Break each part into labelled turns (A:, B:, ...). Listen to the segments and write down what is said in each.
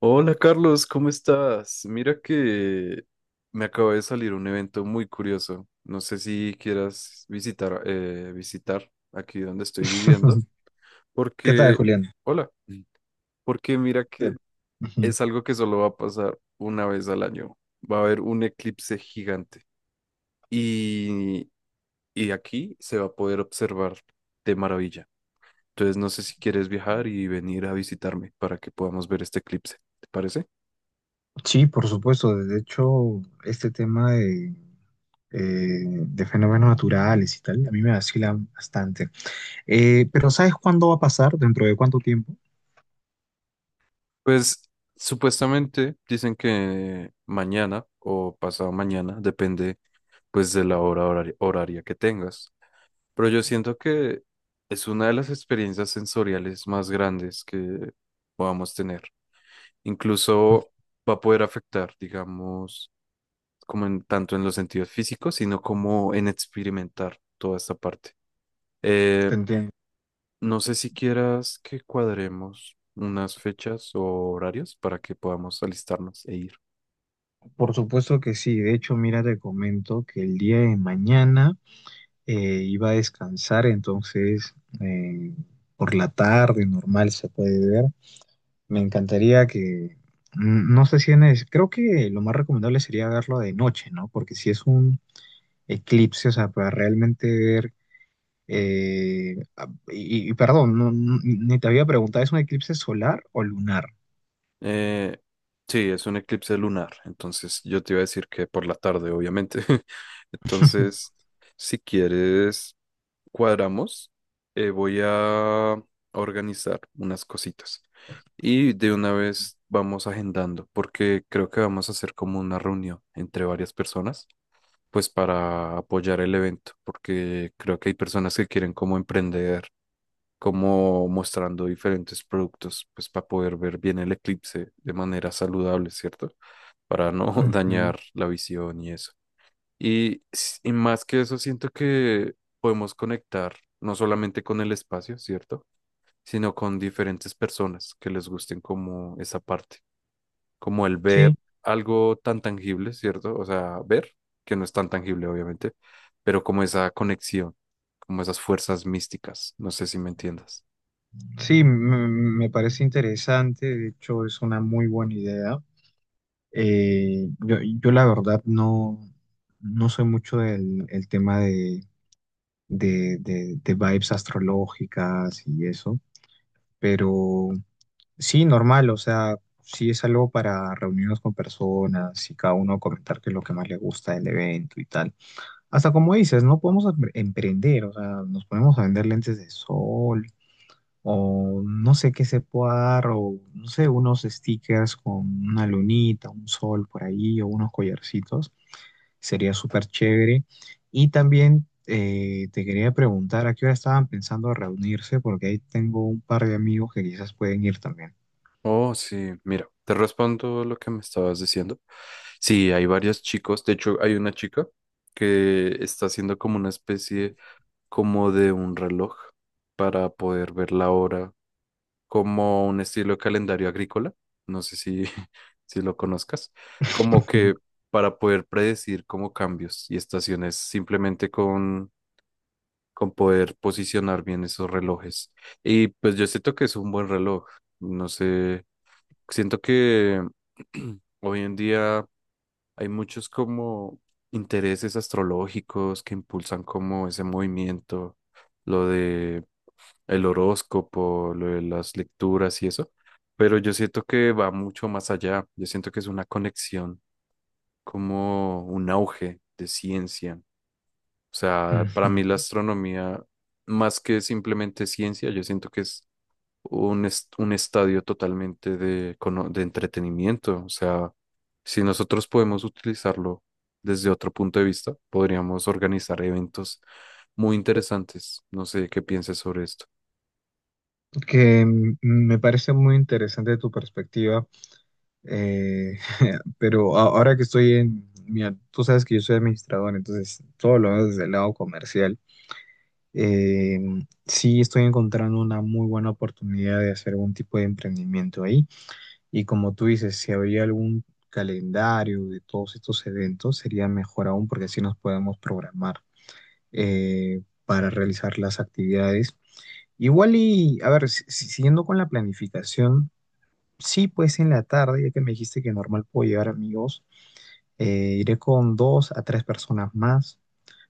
A: Hola Carlos, ¿cómo estás? Mira que me acaba de salir un evento muy curioso. No sé si quieras visitar, visitar aquí donde estoy viviendo,
B: ¿Qué tal,
A: porque,
B: Julián?
A: hola. Mm. Porque mira
B: Sí.
A: que
B: Ujú.
A: es algo que solo va a pasar una vez al año. Va a haber un eclipse gigante y, y aquí se va a poder observar de maravilla. Entonces no sé si quieres viajar y venir a visitarme para que podamos ver este eclipse. ¿Te parece?
B: Sí, por supuesto. De hecho, este tema de fenómenos naturales y tal, a mí me vacila bastante. Pero ¿sabes cuándo va a pasar? ¿Dentro de cuánto tiempo?
A: Pues supuestamente dicen que mañana o pasado mañana, depende pues de la horaria que tengas. Pero yo siento que es una de las experiencias sensoriales más grandes que podamos tener. Incluso va a poder afectar, digamos, como en, tanto en los sentidos físicos, sino como en experimentar toda esta parte. Eh,
B: Te entiendo.
A: no sé si quieras que cuadremos unas fechas o horarios para que podamos alistarnos e ir.
B: Por supuesto que sí. De hecho, mira, te comento que el día de mañana iba a descansar, entonces eh, por la tarde normal se puede ver. Me encantaría que, no sé si en es, creo que lo más recomendable sería verlo de noche, ¿no? Porque si es un eclipse, o sea, para realmente ver, y perdón, ni te había preguntado, ¿es un eclipse solar o lunar?
A: Eh, sí, es un eclipse lunar, entonces yo te iba a decir que por la tarde, obviamente. Entonces, si quieres, cuadramos. Voy a organizar unas cositas y de una vez vamos agendando, porque creo que vamos a hacer como una reunión entre varias personas, pues para apoyar el evento, porque creo que hay personas que quieren como emprender como mostrando diferentes productos, pues para poder ver bien el eclipse de manera saludable, ¿cierto? Para no
B: Ujú.
A: dañar la visión y eso. Y, y más que eso, siento que podemos conectar no solamente con el espacio, ¿cierto? Sino con diferentes personas que les gusten como esa parte, como el ver
B: Sí,
A: algo tan tangible, ¿cierto? O sea, ver, que no es tan tangible, obviamente, pero como esa conexión, como esas fuerzas místicas, no sé si me entiendas.
B: sí, me parece interesante, de hecho es una muy buena idea. Yo la verdad no, no soy mucho del el tema de vibes astrológicas y eso. Pero sí, normal, o sea, sí es algo para reunirnos con personas y cada uno comentar qué es lo que más le gusta del evento y tal. Hasta como dices, no podemos emprender, o sea, nos ponemos a vender lentes de sol, o no sé qué se pueda dar, o no sé, unos stickers con una lunita, un sol por ahí, o unos collarcitos, sería súper chévere. Y también te quería preguntar a qué hora estaban pensando reunirse, porque ahí tengo un par de amigos que quizás pueden ir también.
A: Oh, sí, mira, te respondo lo que me estabas diciendo. Sí, hay varios chicos, de hecho hay una chica que está haciendo como una especie como de un reloj para poder ver la hora, como un estilo de calendario agrícola, no sé si, si lo conozcas, como que para poder predecir como cambios y estaciones simplemente con poder posicionar bien esos relojes. Y pues yo siento que es un buen reloj, no sé. Siento que hoy en día hay muchos como intereses astrológicos que impulsan como ese movimiento, lo de el horóscopo, lo de las lecturas y eso, pero yo siento que va mucho más allá. Yo siento que es una conexión, como un auge de ciencia. O sea, para mí la
B: Ujú.
A: astronomía, más que simplemente ciencia, yo siento que es un estadio totalmente de, de entretenimiento. O sea, si nosotros podemos utilizarlo desde otro punto de vista, podríamos organizar eventos muy interesantes. No sé qué pienses sobre esto.
B: Que me parece muy interesante tu perspectiva, eh, pero ahora que estoy en, mira, tú sabes que yo soy administrador, entonces todo lo veo desde el lado comercial. Eh, sí, estoy encontrando una muy buena oportunidad de hacer algún tipo de emprendimiento ahí. Y como tú dices, si habría algún calendario de todos estos eventos, sería mejor aún porque así nos podemos programar para realizar las actividades. Igual y, a ver, siguiendo con la planificación, sí, pues en la tarde, ya que me dijiste que normal puedo llevar amigos, iré con dos a tres personas más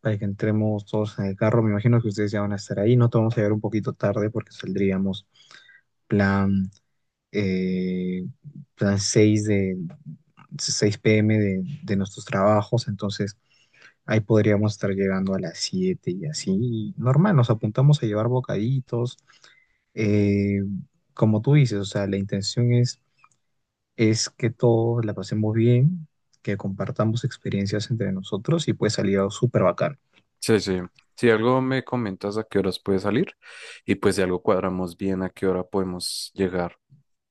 B: para que entremos todos en el carro. Me imagino que ustedes ya van a estar ahí. No te vamos a llegar un poquito tarde porque saldríamos plan, eh, plan seis, de 6 p.m. De nuestros trabajos. Entonces ahí podríamos estar llegando a las 7 y así. Y normal, nos apuntamos a llevar bocaditos. Eh, Como tú dices, o sea, es que todos la pasemos bien, que compartamos experiencias entre nosotros y puede salir algo súper bacán.
A: Sí, sí. Si algo me comentas a qué horas puede salir y pues si algo cuadramos bien a qué hora podemos llegar.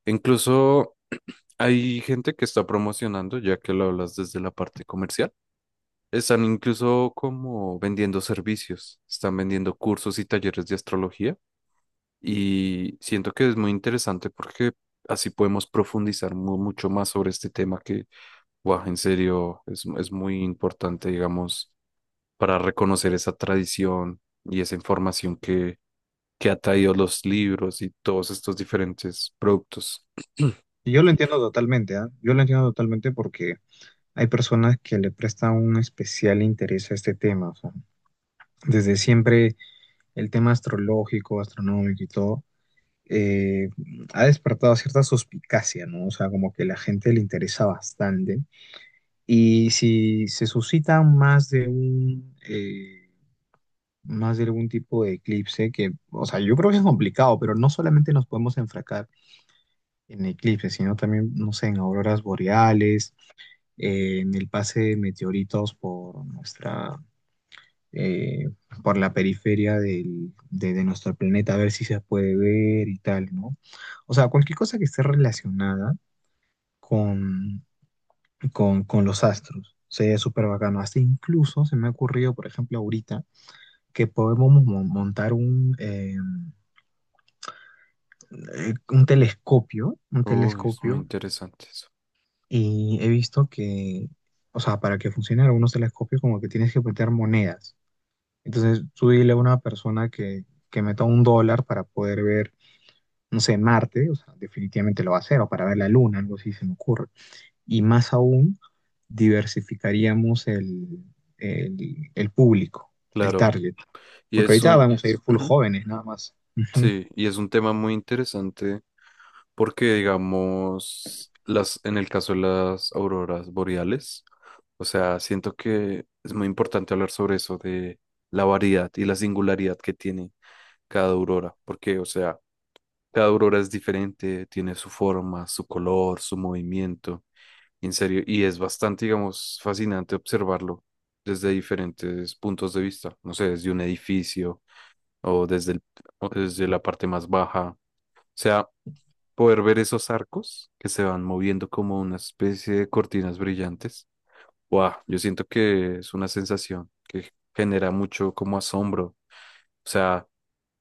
A: Incluso hay gente que está promocionando, ya que lo hablas desde la parte comercial. Están incluso como vendiendo servicios, están vendiendo cursos y talleres de astrología y siento que es muy interesante porque así podemos profundizar mucho más sobre este tema que, guau, en serio, es muy importante, digamos, para reconocer esa tradición y esa información que ha traído los libros y todos estos diferentes productos.
B: Y yo lo entiendo totalmente, ¿ah? Yo lo entiendo totalmente porque hay personas que le prestan un especial interés a este tema. O sea, desde siempre el tema astrológico, astronómico y todo, eh, ha despertado cierta suspicacia, ¿no? O sea, como que la gente le interesa bastante. Y si se suscita más de un, más de algún tipo de eclipse, que, o sea, yo creo que es complicado, pero no solamente nos podemos enfracar en eclipses, sino también, no sé, en auroras boreales, en el pase de meteoritos por nuestra, eh, por la periferia de nuestro planeta, a ver si se puede ver y tal, ¿no? O sea, cualquier cosa que esté relacionada con, con los astros. Sería súper bacano. Hasta incluso se me ha ocurrido, por ejemplo, ahorita, que podemos montar un
A: Oh, es muy
B: telescopio,
A: interesante eso.
B: y he visto que, o sea, para que funcionen algunos telescopios, como que tienes que meter monedas. Entonces, tú dile a una persona que meta un dólar para poder ver, no sé, Marte, o sea, definitivamente lo va a hacer, o para ver la Luna, algo así se me ocurre. Y más aún, diversificaríamos el, el público, el
A: Claro,
B: target,
A: y
B: porque
A: es
B: ahorita
A: un…
B: vamos a ir Yes. full
A: Ujú.
B: jóvenes, nada más. Ujú.
A: Sí, y es un tema muy interesante. Porque, digamos, las, en el caso de las auroras boreales, o sea, siento que es muy importante hablar sobre eso, de la variedad y la singularidad que tiene cada aurora, porque, o sea, cada aurora es diferente, tiene su forma, su color, su movimiento, en serio, y es bastante, digamos, fascinante observarlo desde diferentes puntos de vista, no sé, desde un edificio o desde el- o desde la parte más baja. O sea, poder ver esos arcos que se van moviendo como una especie de cortinas brillantes. Wow, yo siento que es una sensación que genera mucho como asombro. O sea,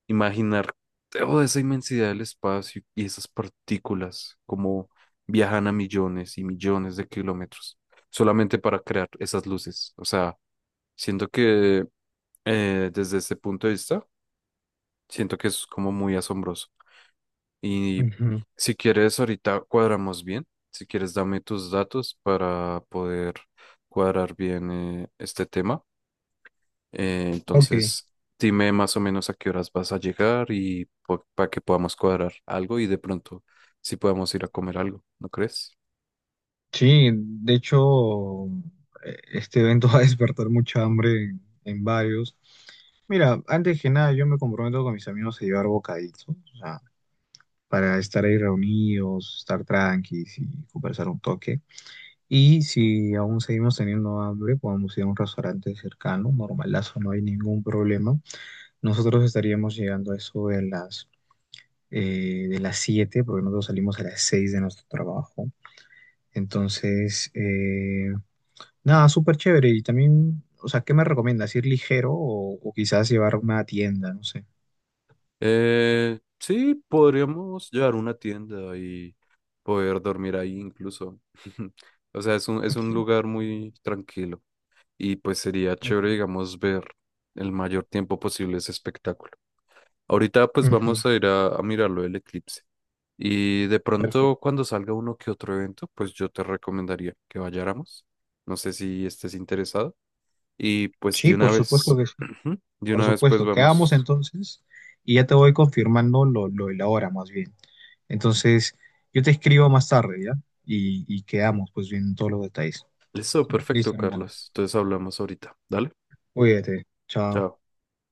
A: imaginar toda esa inmensidad del espacio y esas partículas como viajan a millones y millones de kilómetros solamente para crear esas luces. O sea, siento que desde ese punto de vista, siento que es como muy asombroso. Y
B: Ujú.
A: si quieres, ahorita cuadramos bien. Si quieres, dame tus datos para poder cuadrar bien este tema.
B: Ok.
A: Entonces, dime más o menos a qué horas vas a llegar y para que podamos cuadrar algo y de pronto si podamos ir a comer algo, ¿no crees?
B: Sí, de hecho, este evento va a despertar mucha hambre en varios. Mira, antes que nada, yo me comprometo con mis amigos a llevar bocaditos, para estar ahí reunidos, estar tranquilos y conversar un toque. Y si aún seguimos teniendo hambre, podemos ir a un restaurante cercano, normalazo, no hay ningún problema. Nosotros estaríamos llegando a eso de las 7, porque nosotros salimos a las 6 de nuestro trabajo. Entonces, nada, súper chévere. Y también, o sea, ¿qué me recomiendas? ¿Ir ligero o quizás llevar una tienda? No sé.
A: Sí, podríamos llevar una tienda y poder dormir ahí incluso. O sea, es un lugar muy tranquilo. Y pues sería chévere, digamos, ver el mayor tiempo posible ese espectáculo. Ahorita pues
B: Ujú.
A: vamos a ir a mirarlo el eclipse y de pronto
B: Perfecto.
A: cuando salga uno que otro evento, pues yo te recomendaría que vayáramos. No sé si estés interesado y pues de
B: Sí,
A: una
B: por supuesto
A: vez,
B: que sí.
A: de
B: Por
A: una vez pues
B: supuesto, quedamos
A: vamos.
B: entonces y ya te voy confirmando lo de la hora más bien. Entonces, yo te escribo más tarde, ¿ya? Y quedamos pues bien en todos los detalles.
A: Listo,
B: Listo,
A: perfecto,
B: hermano.
A: Carlos. Entonces hablamos ahorita. Dale,
B: Cuídate. Chao.
A: chao.